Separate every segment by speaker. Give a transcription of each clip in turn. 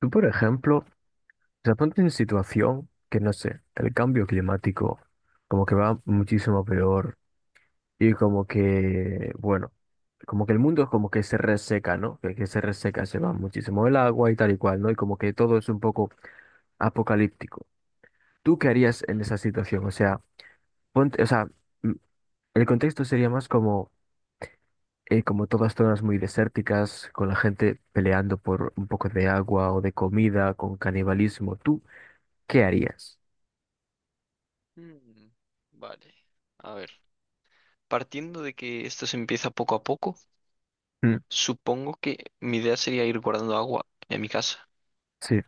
Speaker 1: Tú, por ejemplo, se ponte en situación que, no sé, el cambio climático como que va muchísimo peor y como que, bueno, como que el mundo es como que se reseca, ¿no? Que se reseca, se va muchísimo el agua y tal y cual, ¿no? Y como que todo es un poco apocalíptico. ¿Tú qué harías en
Speaker 2: Ujú.
Speaker 1: esa situación? O sea, ponte, o sea, mm, el contexto sería más como, como todas zonas muy desérticas, con la gente peleando por un poco de agua o de comida, con canibalismo. ¿Tú qué harías?
Speaker 2: Vale. A ver, partiendo de que esto se empieza poco a poco, supongo que mi idea sería ir guardando agua en mi casa,
Speaker 1: Sí,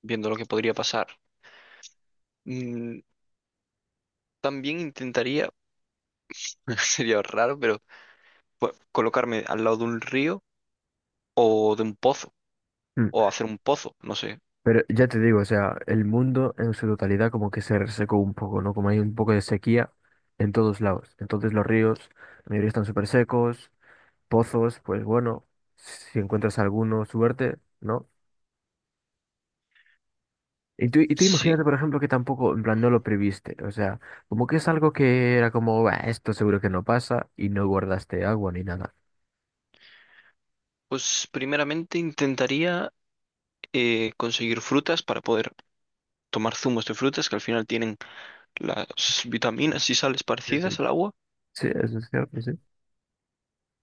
Speaker 2: viendo lo que podría pasar. Mm, también intentaría, sería raro, pero colocarme al lado de un río o de un pozo,
Speaker 1: mm,
Speaker 2: o hacer un pozo, no sé.
Speaker 1: pero ya te digo, o sea, el mundo en su totalidad como que se resecó un poco, ¿no? Como hay un poco de sequía en todos lados. Entonces los ríos, la mayoría están súper secos, pozos, pues bueno, si encuentras alguno, suerte, ¿no? Y tú
Speaker 2: Sí,
Speaker 1: imagínate, por ejemplo, que tampoco, en plan, no lo previste, o sea, como que es algo que era como, "Bah, esto seguro que no pasa y no guardaste agua ni nada."
Speaker 2: pues primeramente intentaría conseguir frutas para poder tomar zumos de frutas que al final tienen las vitaminas y sales
Speaker 1: Sí, sí.
Speaker 2: parecidas al agua.
Speaker 1: Sí, eso es cierto, sí.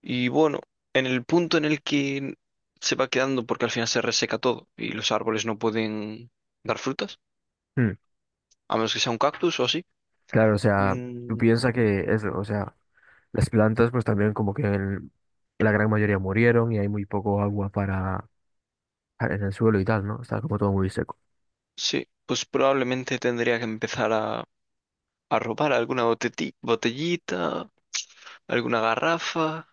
Speaker 2: Y bueno, en el punto en el que se va quedando, porque al final se reseca todo y los árboles no pueden dar frutas,
Speaker 1: Mm,
Speaker 2: a menos que sea un cactus o así.
Speaker 1: claro, o sea, tú
Speaker 2: mm,
Speaker 1: piensas que eso, o sea... Las plantas, pues también como que la gran mayoría murieron y hay muy poco agua para en el suelo y tal, ¿no? Está como todo muy seco.
Speaker 2: sí, pues probablemente tendría que empezar a robar alguna botellita, alguna garrafa.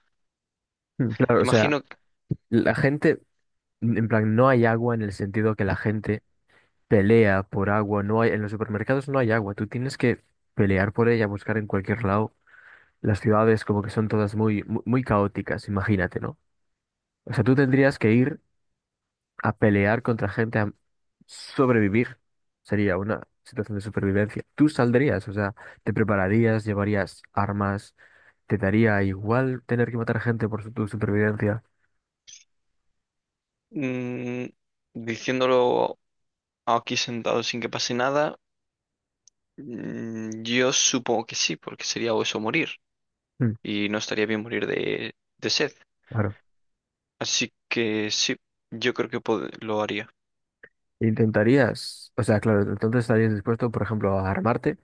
Speaker 1: Mm, claro, o sea,
Speaker 2: Imagino que
Speaker 1: la gente, en plan, no hay agua en el sentido que la gente pelea por agua, no hay, en los supermercados no hay agua, tú tienes que pelear por ella, buscar en cualquier lado. Las ciudades como que son todas muy, muy, caóticas, imagínate, ¿no? O sea, tú tendrías que ir a pelear contra gente, sobrevivir, sería una situación de supervivencia. ¿Tú saldrías? O sea, ¿te prepararías? ¿Llevarías armas? ¿Te daría igual tener que matar gente por tu supervivencia?
Speaker 2: mm, diciéndolo aquí sentado sin que pase nada, yo supongo que sí, porque sería o eso o morir
Speaker 1: Mm,
Speaker 2: y no estaría bien morir de sed.
Speaker 1: claro.
Speaker 2: Así que sí, yo creo que lo haría.
Speaker 1: ¿Intentarías? O sea, claro, entonces estarías dispuesto, por ejemplo, a armarte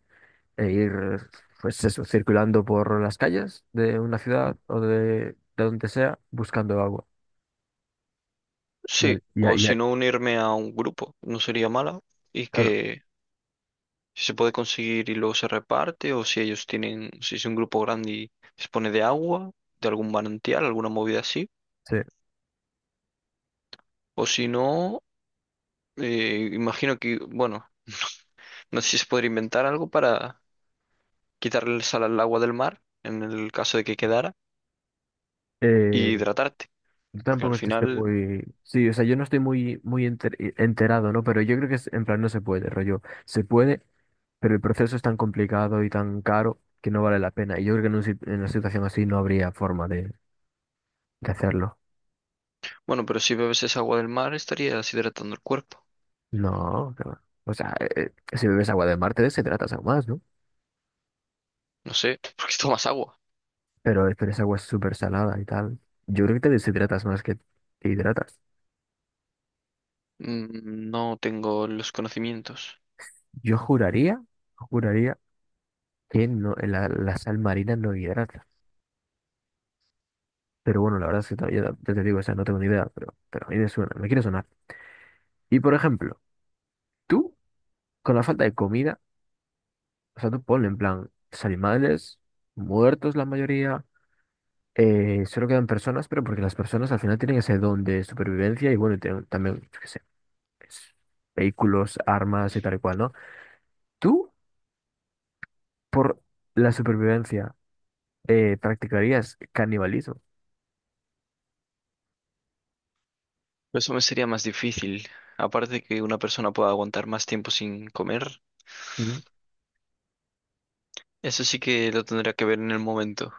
Speaker 1: e ir, pues eso, circulando por las calles de una ciudad o de donde sea, buscando agua. Y,
Speaker 2: Sí,
Speaker 1: al- y, a-
Speaker 2: o
Speaker 1: y a-
Speaker 2: si no unirme a un grupo, no sería mala. Y
Speaker 1: claro,
Speaker 2: que si se puede conseguir y luego se reparte, o si ellos tienen, si es un grupo grande y dispone de agua, de algún manantial, alguna movida así.
Speaker 1: sí.
Speaker 2: O si no, imagino que, bueno, no sé si se podría inventar algo para quitarle el sal al agua del mar, en el caso de que quedara, y
Speaker 1: Eh,
Speaker 2: hidratarte.
Speaker 1: Yo
Speaker 2: Porque
Speaker 1: tampoco
Speaker 2: al
Speaker 1: es que esté
Speaker 2: final,
Speaker 1: muy... Sí, o sea, yo no estoy muy, muy enterado, ¿no? Pero yo creo que es, en plan no se puede, rollo. Se puede, pero el proceso es tan complicado y tan caro que no vale la pena. Y yo creo que en, un en una situación así no habría forma de, hacerlo.
Speaker 2: bueno, pero si bebes esa agua del mar estarías hidratando el cuerpo.
Speaker 1: No, que va. O sea, si bebes agua de mar te deshidratas aún más, ¿no?
Speaker 2: No sé, ¿por qué tomas agua?
Speaker 1: Pero esa agua es súper salada y tal. Yo creo que te deshidratas más que te hidratas.
Speaker 2: Mm. No tengo los conocimientos.
Speaker 1: Yo juraría, juraría que no, la sal marina no hidrata. Pero bueno, la verdad es que todavía, ya te digo, o sea, no tengo ni idea, pero, a mí me suena, me quiere sonar. Y por ejemplo, tú, con la falta de comida, o sea, tú ponle en plan, los animales, muertos la mayoría, solo quedan personas, pero porque las personas al final tienen ese don de supervivencia y bueno, y tienen también, yo qué sé, pues, vehículos, armas y tal y cual, ¿no? Tú, por la supervivencia, practicarías canibalismo.
Speaker 2: Eso me sería más difícil. Aparte de que una persona pueda aguantar más tiempo sin comer,
Speaker 1: ¿Mm?
Speaker 2: eso sí que lo tendría que ver en el momento.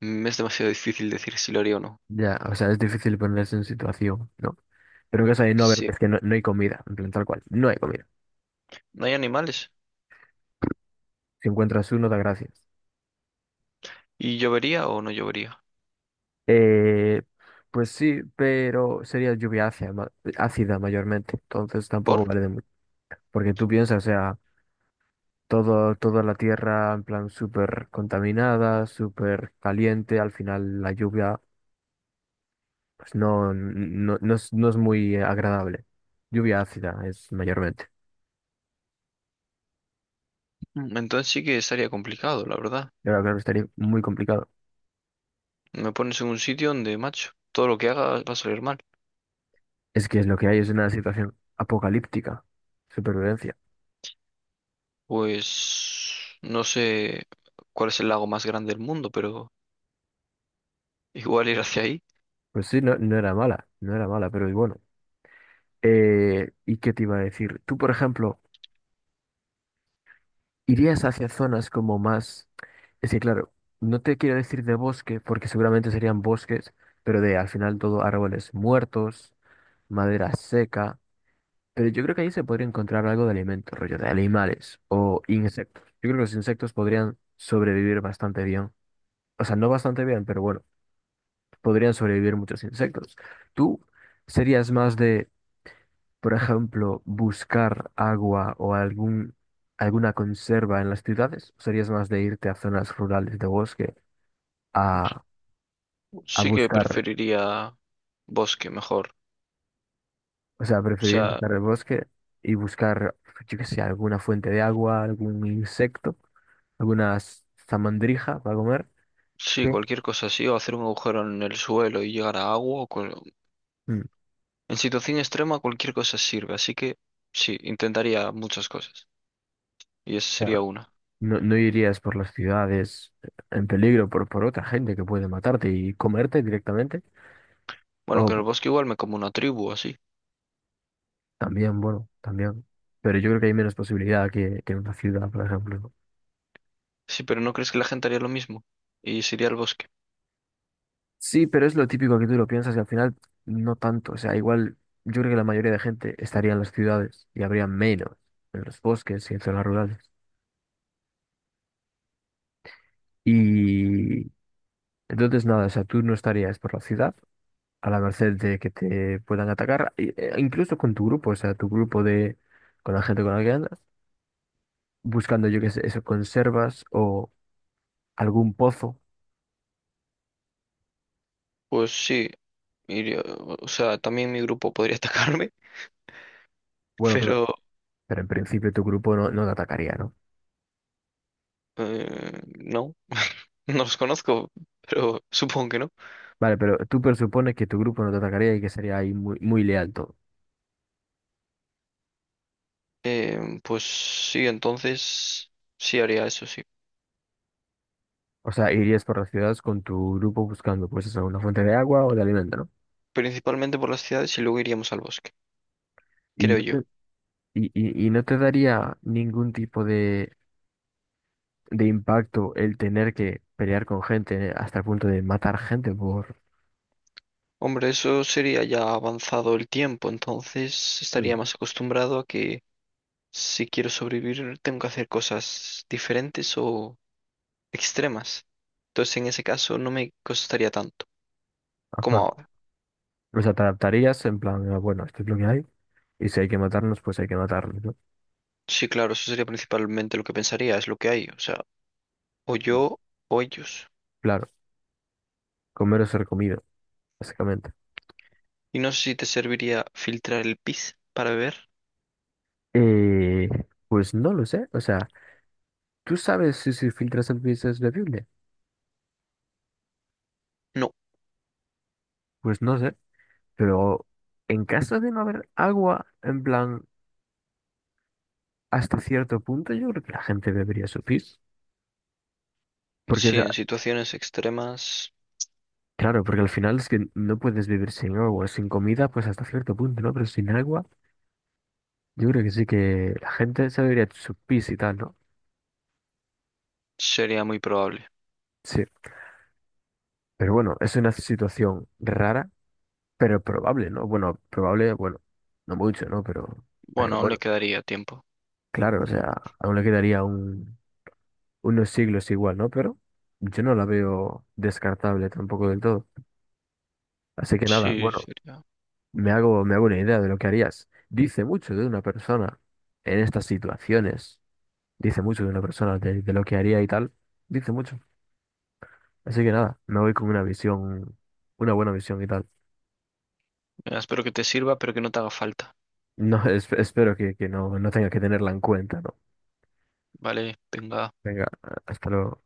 Speaker 2: Mm. Es demasiado difícil decir si lo haría o no.
Speaker 1: Ya, o sea, es difícil ponerse en situación, ¿no? Pero en caso de no haber,
Speaker 2: Sí,
Speaker 1: es que no, no hay comida, en plan tal cual, no hay comida.
Speaker 2: no hay animales.
Speaker 1: Si encuentras uno, da gracias.
Speaker 2: ¿Y llovería o no llovería?
Speaker 1: Eh, pues sí, pero sería lluvia ácida, ácida mayormente. Entonces
Speaker 2: ¿Por?
Speaker 1: tampoco vale de mucho. Porque tú piensas, o sea, todo, toda la tierra en plan súper contaminada, súper caliente. Al final la lluvia pues no, no, no es muy agradable. Lluvia ácida es mayormente.
Speaker 2: Mm. Entonces sí que estaría complicado, la verdad.
Speaker 1: Y ahora, claro, estaría muy complicado.
Speaker 2: Me pones en un sitio donde, macho, todo lo que haga va a salir mal.
Speaker 1: Es que es lo que hay, es una situación apocalíptica. Supervivencia.
Speaker 2: Pues no sé cuál es el lago más grande del mundo, pero igual ir hacia ahí.
Speaker 1: Pues sí, no, no era mala, no era mala, pero bueno. ¿Y qué te iba a decir? Tú, por ejemplo, irías hacia zonas como más... Es que, claro, no te quiero decir de bosque, porque seguramente serían bosques, pero de al final todo árboles muertos, madera seca. Pero yo creo que ahí se podría encontrar algo de alimento, rollo de animales o insectos. Yo creo que los insectos podrían sobrevivir bastante bien. O sea, no bastante bien, pero bueno, podrían sobrevivir muchos insectos. ¿Tú serías más de... por ejemplo, buscar agua o algún, alguna conserva en las ciudades, serías más de irte a zonas rurales de bosque a,
Speaker 2: Sí que
Speaker 1: buscar,
Speaker 2: preferiría bosque mejor.
Speaker 1: o sea,
Speaker 2: O
Speaker 1: preferirías
Speaker 2: sea,
Speaker 1: buscar el bosque y buscar, yo qué sé, alguna fuente de agua, algún insecto, alguna zamandrija para comer,
Speaker 2: sí,
Speaker 1: que
Speaker 2: cualquier cosa así, o hacer un agujero en el suelo y llegar a agua. O cual-
Speaker 1: o
Speaker 2: En situación extrema, cualquier cosa sirve. Así que sí, intentaría muchas cosas. Y esa
Speaker 1: sea,
Speaker 2: sería una.
Speaker 1: no, no irías por las ciudades en peligro por, otra gente que puede matarte y comerte directamente?
Speaker 2: Bueno,
Speaker 1: O
Speaker 2: que en el bosque igual me como una tribu así.
Speaker 1: también, bueno, también. Pero yo creo que hay menos posibilidad que, en una ciudad, por ejemplo, ¿no?
Speaker 2: Sí, pero ¿no crees que la gente haría lo mismo? Y sería el bosque.
Speaker 1: Sí, pero es lo típico que tú lo piensas y al final no tanto. O sea, igual yo creo que la mayoría de gente estaría en las ciudades y habría menos en los bosques y en zonas rurales. Y entonces nada, o sea, tú no estarías por la ciudad a la merced de que te puedan atacar, e incluso con tu grupo, o sea, tu grupo de, con la gente con la que andas, buscando, yo qué sé, eso, conservas o algún pozo.
Speaker 2: Pues sí, iría... O sea, también mi grupo podría atacarme,
Speaker 1: Bueno, pero
Speaker 2: pero
Speaker 1: Pero en principio tu grupo no, no te atacaría, ¿no?
Speaker 2: no, no los conozco, pero supongo que no.
Speaker 1: Vale, pero tú presupones que tu grupo no te atacaría y que sería ahí muy, muy leal todo.
Speaker 2: Pues sí, entonces sí haría eso, sí.
Speaker 1: O sea, irías por las ciudades con tu grupo buscando, pues eso, una fuente de agua o de alimento, ¿no?
Speaker 2: Principalmente por las ciudades y luego iríamos al bosque,
Speaker 1: Y
Speaker 2: creo
Speaker 1: no
Speaker 2: yo.
Speaker 1: te, y no te daría ningún tipo de, impacto el tener que pelear con gente hasta el punto de matar gente por...
Speaker 2: Hombre, eso sería ya avanzado el tiempo, entonces estaría
Speaker 1: Mm.
Speaker 2: más acostumbrado a que si quiero sobrevivir tengo que hacer cosas diferentes o extremas. Entonces en ese caso no me costaría tanto como
Speaker 1: Ajá.
Speaker 2: ahora.
Speaker 1: O sea, te adaptarías en plan, "Ah, bueno, esto es lo que hay, y si hay que matarnos, pues hay que matarnos, ¿no?"
Speaker 2: Sí, claro, eso sería principalmente lo que pensaría, es lo que hay, o sea, o yo o ellos.
Speaker 1: Claro, comer o ser comido, básicamente.
Speaker 2: Y no sé si te serviría filtrar el pis para beber.
Speaker 1: Eh, pues no lo sé. O sea, ¿tú sabes si se filtra esa pieza es bebible?
Speaker 2: No.
Speaker 1: Pues no sé. Pero en caso de no haber agua, en plan, hasta cierto punto, yo creo que la gente bebería su pis. Porque,
Speaker 2: Sí, en situaciones extremas
Speaker 1: claro, porque al final es que no puedes vivir sin agua, sin comida, pues hasta cierto punto, ¿no? Pero sin agua, yo creo que sí que la gente se bebería su pis y tal, ¿no?
Speaker 2: sería muy probable.
Speaker 1: Sí. Pero bueno, es una situación rara, pero probable, ¿no? Bueno, probable, bueno, no mucho, ¿no? Pero
Speaker 2: Bueno, aún le
Speaker 1: bueno.
Speaker 2: quedaría tiempo.
Speaker 1: Claro, o sea, aún le quedaría unos siglos igual, ¿no? Pero yo no la veo descartable tampoco del todo. Así que nada,
Speaker 2: Sí,
Speaker 1: bueno,
Speaker 2: sería.
Speaker 1: me hago una idea de lo que harías. Dice mucho de una persona en estas situaciones, dice mucho de una persona de, lo que haría y tal, dice mucho. Así que nada, me voy con una visión, una buena visión y tal.
Speaker 2: Mira, espero que te sirva, pero que no te haga falta.
Speaker 1: No, espero que no, no tenga que tenerla en cuenta, ¿no?
Speaker 2: Vale, venga.
Speaker 1: Venga, hasta luego.